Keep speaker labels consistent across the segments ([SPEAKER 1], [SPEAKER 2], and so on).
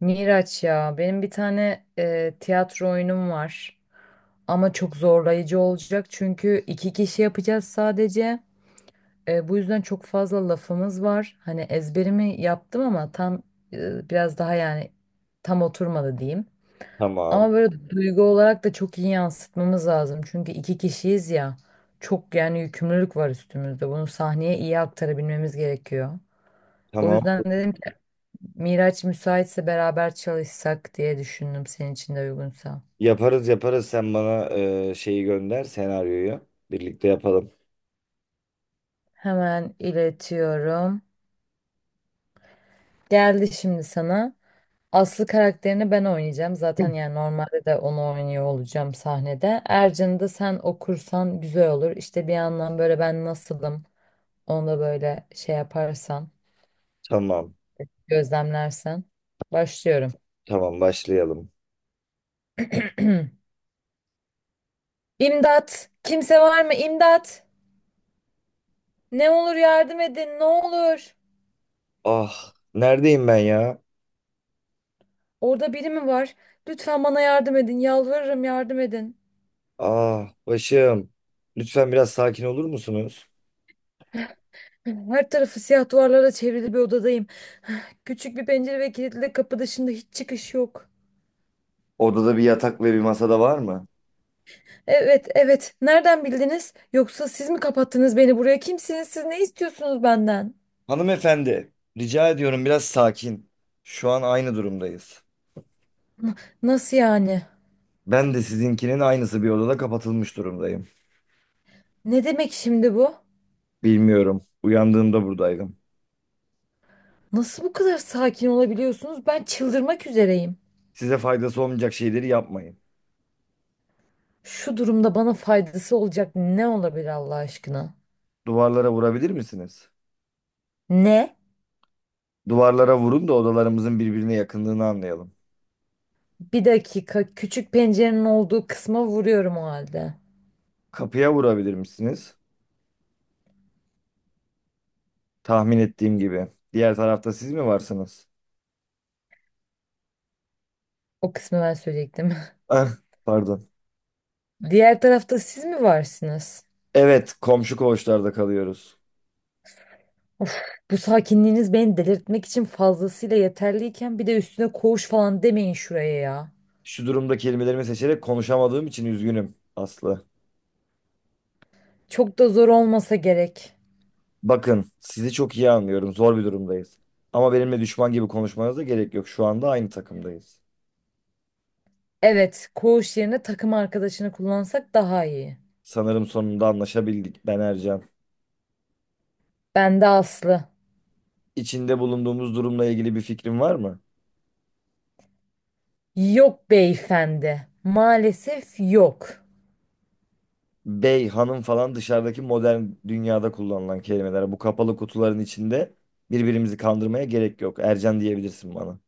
[SPEAKER 1] Miraç ya benim bir tane tiyatro oyunum var ama çok zorlayıcı olacak çünkü iki kişi yapacağız sadece. Bu yüzden çok fazla lafımız var, hani ezberimi yaptım ama tam biraz daha yani tam oturmadı diyeyim, ama
[SPEAKER 2] Tamam.
[SPEAKER 1] böyle duygu olarak da çok iyi yansıtmamız lazım çünkü iki kişiyiz ya, çok yani yükümlülük var üstümüzde, bunu sahneye iyi aktarabilmemiz gerekiyor. O
[SPEAKER 2] Tamam.
[SPEAKER 1] yüzden dedim Miraç müsaitse beraber çalışsak diye düşündüm, senin için de uygunsa.
[SPEAKER 2] Yaparız. Sen bana şeyi gönder senaryoyu. Birlikte yapalım.
[SPEAKER 1] Hemen iletiyorum. Geldi şimdi sana. Aslı karakterini ben oynayacağım. Zaten yani normalde de onu oynuyor olacağım sahnede. Ercan'ı da sen okursan güzel olur. İşte bir yandan böyle ben nasılım, onu da böyle şey yaparsan,
[SPEAKER 2] Tamam.
[SPEAKER 1] gözlemlersen. Başlıyorum.
[SPEAKER 2] Tamam başlayalım.
[SPEAKER 1] İmdat! Kimse var mı? İmdat! Ne olur yardım edin, ne olur.
[SPEAKER 2] Ah neredeyim ben ya?
[SPEAKER 1] Orada biri mi var? Lütfen bana yardım edin. Yalvarırım yardım edin.
[SPEAKER 2] Ah başım. Lütfen biraz sakin olur musunuz?
[SPEAKER 1] Her tarafı siyah duvarlara çevrili bir odadayım. Küçük bir pencere ve kilitli kapı dışında hiç çıkış yok.
[SPEAKER 2] Odada bir yatak ve bir masada var mı?
[SPEAKER 1] Evet, evet. Nereden bildiniz? Yoksa siz mi kapattınız beni buraya? Kimsiniz? Siz ne istiyorsunuz benden?
[SPEAKER 2] Hanımefendi, rica ediyorum biraz sakin. Şu an aynı durumdayız.
[SPEAKER 1] Nasıl yani?
[SPEAKER 2] Ben de sizinkinin aynısı bir odada kapatılmış durumdayım.
[SPEAKER 1] Ne demek şimdi bu?
[SPEAKER 2] Bilmiyorum. Uyandığımda buradaydım.
[SPEAKER 1] Nasıl bu kadar sakin olabiliyorsunuz? Ben çıldırmak üzereyim.
[SPEAKER 2] Size faydası olmayacak şeyleri yapmayın.
[SPEAKER 1] Şu durumda bana faydası olacak ne olabilir Allah aşkına?
[SPEAKER 2] Duvarlara vurabilir misiniz?
[SPEAKER 1] Ne?
[SPEAKER 2] Duvarlara vurun da odalarımızın birbirine yakınlığını anlayalım.
[SPEAKER 1] Bir dakika, küçük pencerenin olduğu kısma vuruyorum o halde.
[SPEAKER 2] Kapıya vurabilir misiniz? Tahmin ettiğim gibi. Diğer tarafta siz mi varsınız?
[SPEAKER 1] O kısmı ben söyleyecektim.
[SPEAKER 2] Ah, pardon.
[SPEAKER 1] Diğer tarafta siz mi varsınız?
[SPEAKER 2] Evet, komşu koğuşlarda kalıyoruz.
[SPEAKER 1] Of, bu sakinliğiniz beni delirtmek için fazlasıyla yeterliyken bir de üstüne koğuş falan demeyin şuraya ya.
[SPEAKER 2] Şu durumda kelimelerimi seçerek konuşamadığım için üzgünüm Aslı.
[SPEAKER 1] Çok da zor olmasa gerek.
[SPEAKER 2] Bakın, sizi çok iyi anlıyorum. Zor bir durumdayız. Ama benimle düşman gibi konuşmanıza gerek yok. Şu anda aynı takımdayız.
[SPEAKER 1] Evet, koğuş yerine takım arkadaşını kullansak daha iyi.
[SPEAKER 2] Sanırım sonunda anlaşabildik. Ben Ercan.
[SPEAKER 1] Ben de Aslı.
[SPEAKER 2] İçinde bulunduğumuz durumla ilgili bir fikrin var mı?
[SPEAKER 1] Yok beyefendi. Maalesef yok.
[SPEAKER 2] Bey, hanım falan dışarıdaki modern dünyada kullanılan kelimeler. Bu kapalı kutuların içinde birbirimizi kandırmaya gerek yok. Ercan diyebilirsin bana.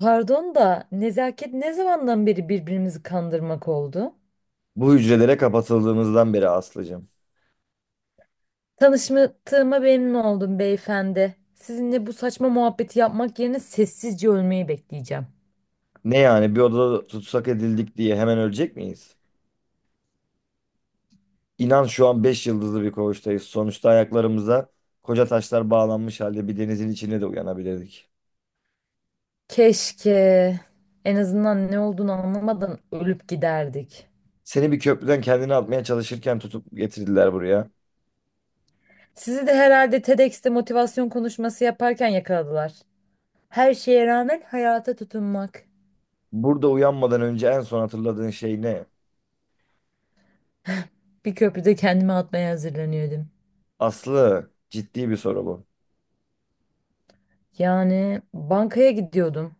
[SPEAKER 1] Pardon da nezaket ne zamandan beri birbirimizi kandırmak oldu?
[SPEAKER 2] Bu hücrelere kapatıldığımızdan beri Aslı'cığım.
[SPEAKER 1] Tanıştığıma memnun oldum beyefendi. Sizinle bu saçma muhabbeti yapmak yerine sessizce ölmeyi bekleyeceğim.
[SPEAKER 2] Ne yani, bir odada tutsak edildik diye hemen ölecek miyiz? İnan şu an 5 yıldızlı bir koğuştayız. Sonuçta ayaklarımıza koca taşlar bağlanmış halde bir denizin içinde de uyanabilirdik.
[SPEAKER 1] Keşke en azından ne olduğunu anlamadan ölüp giderdik.
[SPEAKER 2] Seni bir köprüden kendini atmaya çalışırken tutup getirdiler buraya.
[SPEAKER 1] Sizi de herhalde TEDx'te motivasyon konuşması yaparken yakaladılar. Her şeye rağmen hayata tutunmak.
[SPEAKER 2] Burada uyanmadan önce en son hatırladığın şey ne?
[SPEAKER 1] Bir köprüde kendimi atmaya hazırlanıyordum.
[SPEAKER 2] Aslı, ciddi bir soru bu.
[SPEAKER 1] Yani bankaya gidiyordum.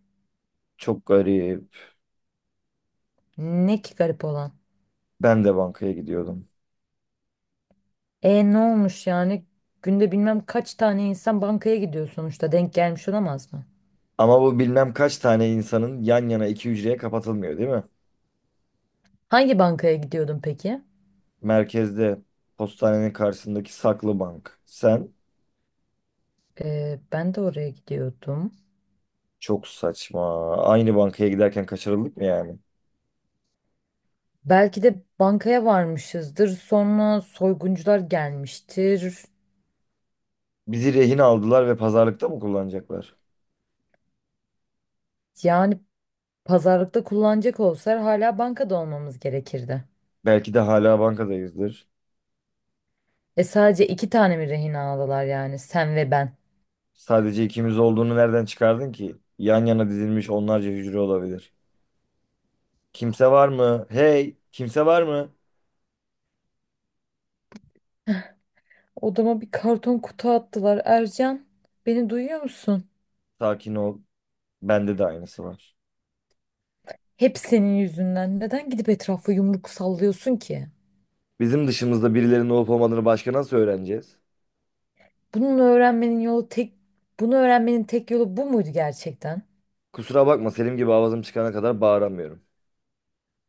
[SPEAKER 2] Çok garip.
[SPEAKER 1] Ne ki garip olan?
[SPEAKER 2] Ben de bankaya gidiyordum.
[SPEAKER 1] E ne olmuş yani? Günde bilmem kaç tane insan bankaya gidiyor sonuçta. Denk gelmiş olamaz mı?
[SPEAKER 2] Ama bu bilmem kaç tane insanın yan yana iki hücreye kapatılmıyor değil mi?
[SPEAKER 1] Hangi bankaya gidiyordun peki?
[SPEAKER 2] Merkezde postanenin karşısındaki saklı bank. Sen?
[SPEAKER 1] E, ben de oraya gidiyordum.
[SPEAKER 2] Çok saçma. Aynı bankaya giderken kaçırıldık mı yani?
[SPEAKER 1] Belki de bankaya varmışızdır. Sonra soyguncular gelmiştir.
[SPEAKER 2] Bizi rehin aldılar ve pazarlıkta mı kullanacaklar?
[SPEAKER 1] Yani pazarlıkta kullanacak olsalar hala bankada olmamız gerekirdi.
[SPEAKER 2] Belki de hala bankadayızdır.
[SPEAKER 1] E sadece iki tane mi rehin aldılar, yani sen ve ben?
[SPEAKER 2] Sadece ikimiz olduğunu nereden çıkardın ki? Yan yana dizilmiş onlarca hücre olabilir. Kimse var mı? Hey, kimse var mı?
[SPEAKER 1] Odama bir karton kutu attılar. Ercan, beni duyuyor musun?
[SPEAKER 2] Sakin ol. Bende de aynısı var.
[SPEAKER 1] Hep senin yüzünden. Neden gidip etrafa yumruk sallıyorsun ki?
[SPEAKER 2] Bizim dışımızda birilerinin olup olmadığını başka nasıl öğreneceğiz?
[SPEAKER 1] Bunun öğrenmenin yolu tek Bunu öğrenmenin tek yolu bu muydu gerçekten?
[SPEAKER 2] Kusura bakma, Selim gibi avazım çıkana kadar bağıramıyorum.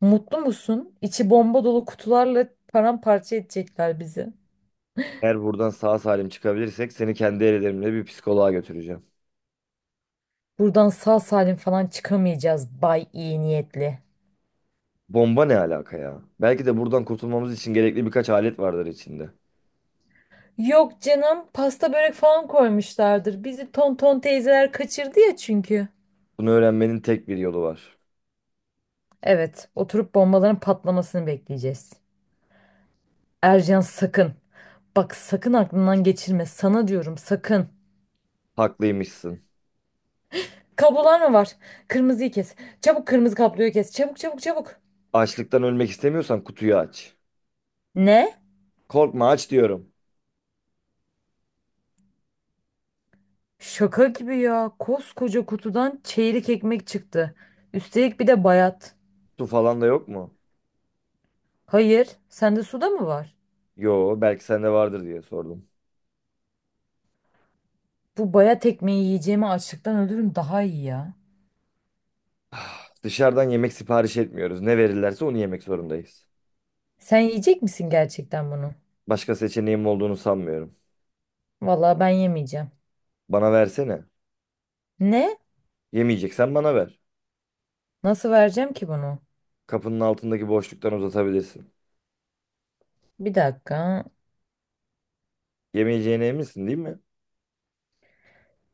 [SPEAKER 1] Mutlu musun? İçi bomba dolu kutularla paramparça edecekler bizi.
[SPEAKER 2] Eğer buradan sağ salim çıkabilirsek seni kendi ellerimle bir psikoloğa götüreceğim.
[SPEAKER 1] Buradan sağ salim falan çıkamayacağız bay iyi niyetli.
[SPEAKER 2] Bomba ne alaka ya? Belki de buradan kurtulmamız için gerekli birkaç alet vardır içinde.
[SPEAKER 1] Yok canım, pasta börek falan koymuşlardır. Bizi tonton teyzeler kaçırdı ya çünkü.
[SPEAKER 2] Bunu öğrenmenin tek bir yolu var.
[SPEAKER 1] Evet, oturup bombaların patlamasını bekleyeceğiz. Ercan sakın. Bak sakın aklından geçirme. Sana diyorum sakın.
[SPEAKER 2] Haklıymışsın.
[SPEAKER 1] Kablolar mı var? Kırmızıyı kes. Çabuk kırmızı kabloyu kes. Çabuk, çabuk, çabuk.
[SPEAKER 2] Açlıktan ölmek istemiyorsan kutuyu aç.
[SPEAKER 1] Ne?
[SPEAKER 2] Korkma, aç diyorum.
[SPEAKER 1] Şaka gibi ya. Koskoca kutudan çeyrek ekmek çıktı. Üstelik bir de bayat.
[SPEAKER 2] Su falan da yok mu?
[SPEAKER 1] Hayır, sende suda mı var?
[SPEAKER 2] Yo, belki sende vardır diye sordum.
[SPEAKER 1] Bu bayat ekmeği yiyeceğime açlıktan ölürüm daha iyi ya.
[SPEAKER 2] Ah, dışarıdan yemek sipariş etmiyoruz. Ne verirlerse onu yemek zorundayız.
[SPEAKER 1] Sen yiyecek misin gerçekten bunu?
[SPEAKER 2] Başka seçeneğim olduğunu sanmıyorum.
[SPEAKER 1] Vallahi ben yemeyeceğim.
[SPEAKER 2] Bana versene.
[SPEAKER 1] Ne?
[SPEAKER 2] Yemeyeceksen bana ver.
[SPEAKER 1] Nasıl vereceğim ki bunu?
[SPEAKER 2] Kapının altındaki boşluktan uzatabilirsin.
[SPEAKER 1] Bir dakika.
[SPEAKER 2] Yemeyeceğine eminsin değil mi?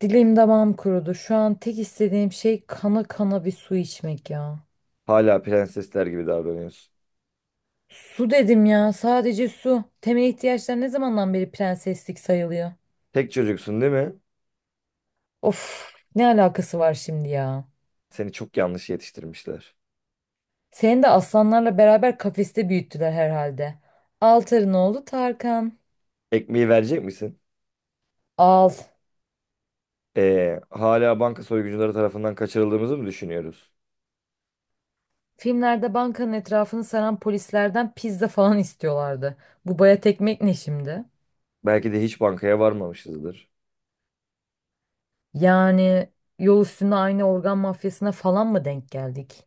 [SPEAKER 1] Dilim damağım kurudu. Şu an tek istediğim şey kana kana bir su içmek ya.
[SPEAKER 2] Hala prensesler gibi davranıyorsun.
[SPEAKER 1] Su dedim ya, sadece su. Temel ihtiyaçlar ne zamandan beri prenseslik sayılıyor?
[SPEAKER 2] Tek çocuksun değil mi?
[SPEAKER 1] Of, ne alakası var şimdi ya?
[SPEAKER 2] Seni çok yanlış yetiştirmişler.
[SPEAKER 1] Seni de aslanlarla beraber kafeste büyüttüler herhalde. Altar'ın oğlu Tarkan.
[SPEAKER 2] Ekmeği verecek misin?
[SPEAKER 1] Al.
[SPEAKER 2] Hala banka soyguncuları tarafından kaçırıldığımızı mı düşünüyoruz?
[SPEAKER 1] Filmlerde bankanın etrafını saran polislerden pizza falan istiyorlardı. Bu baya tekmek ne şimdi?
[SPEAKER 2] Belki de hiç bankaya varmamışızdır.
[SPEAKER 1] Yani yol üstünde aynı organ mafyasına falan mı denk geldik?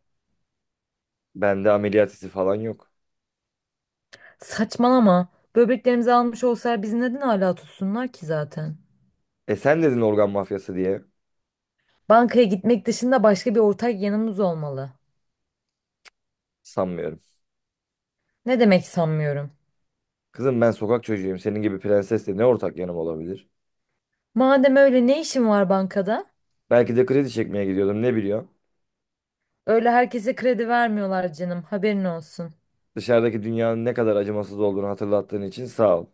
[SPEAKER 2] Bende ameliyat izi falan yok.
[SPEAKER 1] Saçmalama. Böbreklerimizi almış olsalar bizi neden hala tutsunlar ki zaten?
[SPEAKER 2] E sen dedin organ mafyası diye.
[SPEAKER 1] Bankaya gitmek dışında başka bir ortak yanımız olmalı.
[SPEAKER 2] Sanmıyorum.
[SPEAKER 1] Ne demek sanmıyorum?
[SPEAKER 2] Kızım ben sokak çocuğuyum. Senin gibi prensesle ne ortak yanım olabilir?
[SPEAKER 1] Madem öyle ne işin var bankada?
[SPEAKER 2] Belki de kredi çekmeye gidiyordum ne biliyor.
[SPEAKER 1] Öyle herkese kredi vermiyorlar canım, haberin olsun.
[SPEAKER 2] Dışarıdaki dünyanın ne kadar acımasız olduğunu hatırlattığın için sağ ol.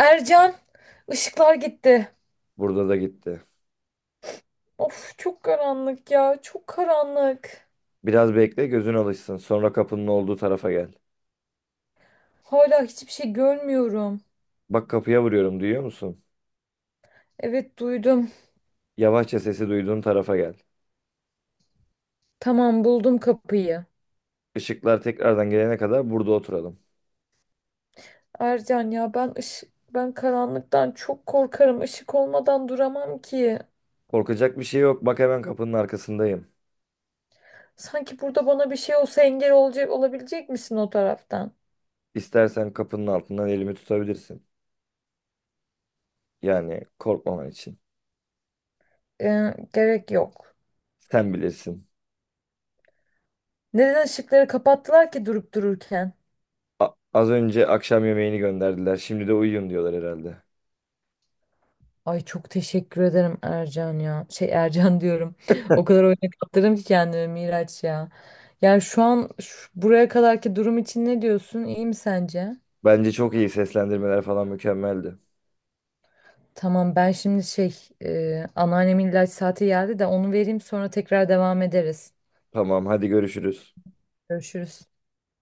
[SPEAKER 1] Ercan, ışıklar gitti.
[SPEAKER 2] Burada da gitti.
[SPEAKER 1] Of çok karanlık ya, çok karanlık.
[SPEAKER 2] Biraz bekle gözün alışsın. Sonra kapının olduğu tarafa gel.
[SPEAKER 1] Hala hiçbir şey görmüyorum.
[SPEAKER 2] Bak kapıya vuruyorum, duyuyor musun?
[SPEAKER 1] Evet duydum.
[SPEAKER 2] Yavaşça sesi duyduğun tarafa gel.
[SPEAKER 1] Tamam, buldum kapıyı.
[SPEAKER 2] Işıklar tekrardan gelene kadar burada oturalım.
[SPEAKER 1] Ercan ya ben ışık ben karanlıktan çok korkarım. Işık olmadan duramam ki.
[SPEAKER 2] Korkacak bir şey yok. Bak hemen kapının arkasındayım.
[SPEAKER 1] Sanki burada bana bir şey olsa engel olacak olabilecek misin o taraftan?
[SPEAKER 2] İstersen kapının altından elimi tutabilirsin. Yani korkmaman için.
[SPEAKER 1] Gerek yok.
[SPEAKER 2] Sen bilirsin.
[SPEAKER 1] Neden ışıkları kapattılar ki durup dururken?
[SPEAKER 2] Az önce akşam yemeğini gönderdiler. Şimdi de uyuyun diyorlar herhalde.
[SPEAKER 1] Ay çok teşekkür ederim Ercan ya. Şey Ercan diyorum. O kadar oyuna kaptırdım ki kendimi Miraç ya. Yani şu an buraya kadarki durum için ne diyorsun? İyi mi sence?
[SPEAKER 2] Bence çok iyi, seslendirmeler falan mükemmeldi.
[SPEAKER 1] Tamam ben şimdi anneannemin ilaç saati geldi de onu vereyim sonra tekrar devam ederiz.
[SPEAKER 2] Tamam, hadi görüşürüz.
[SPEAKER 1] Görüşürüz.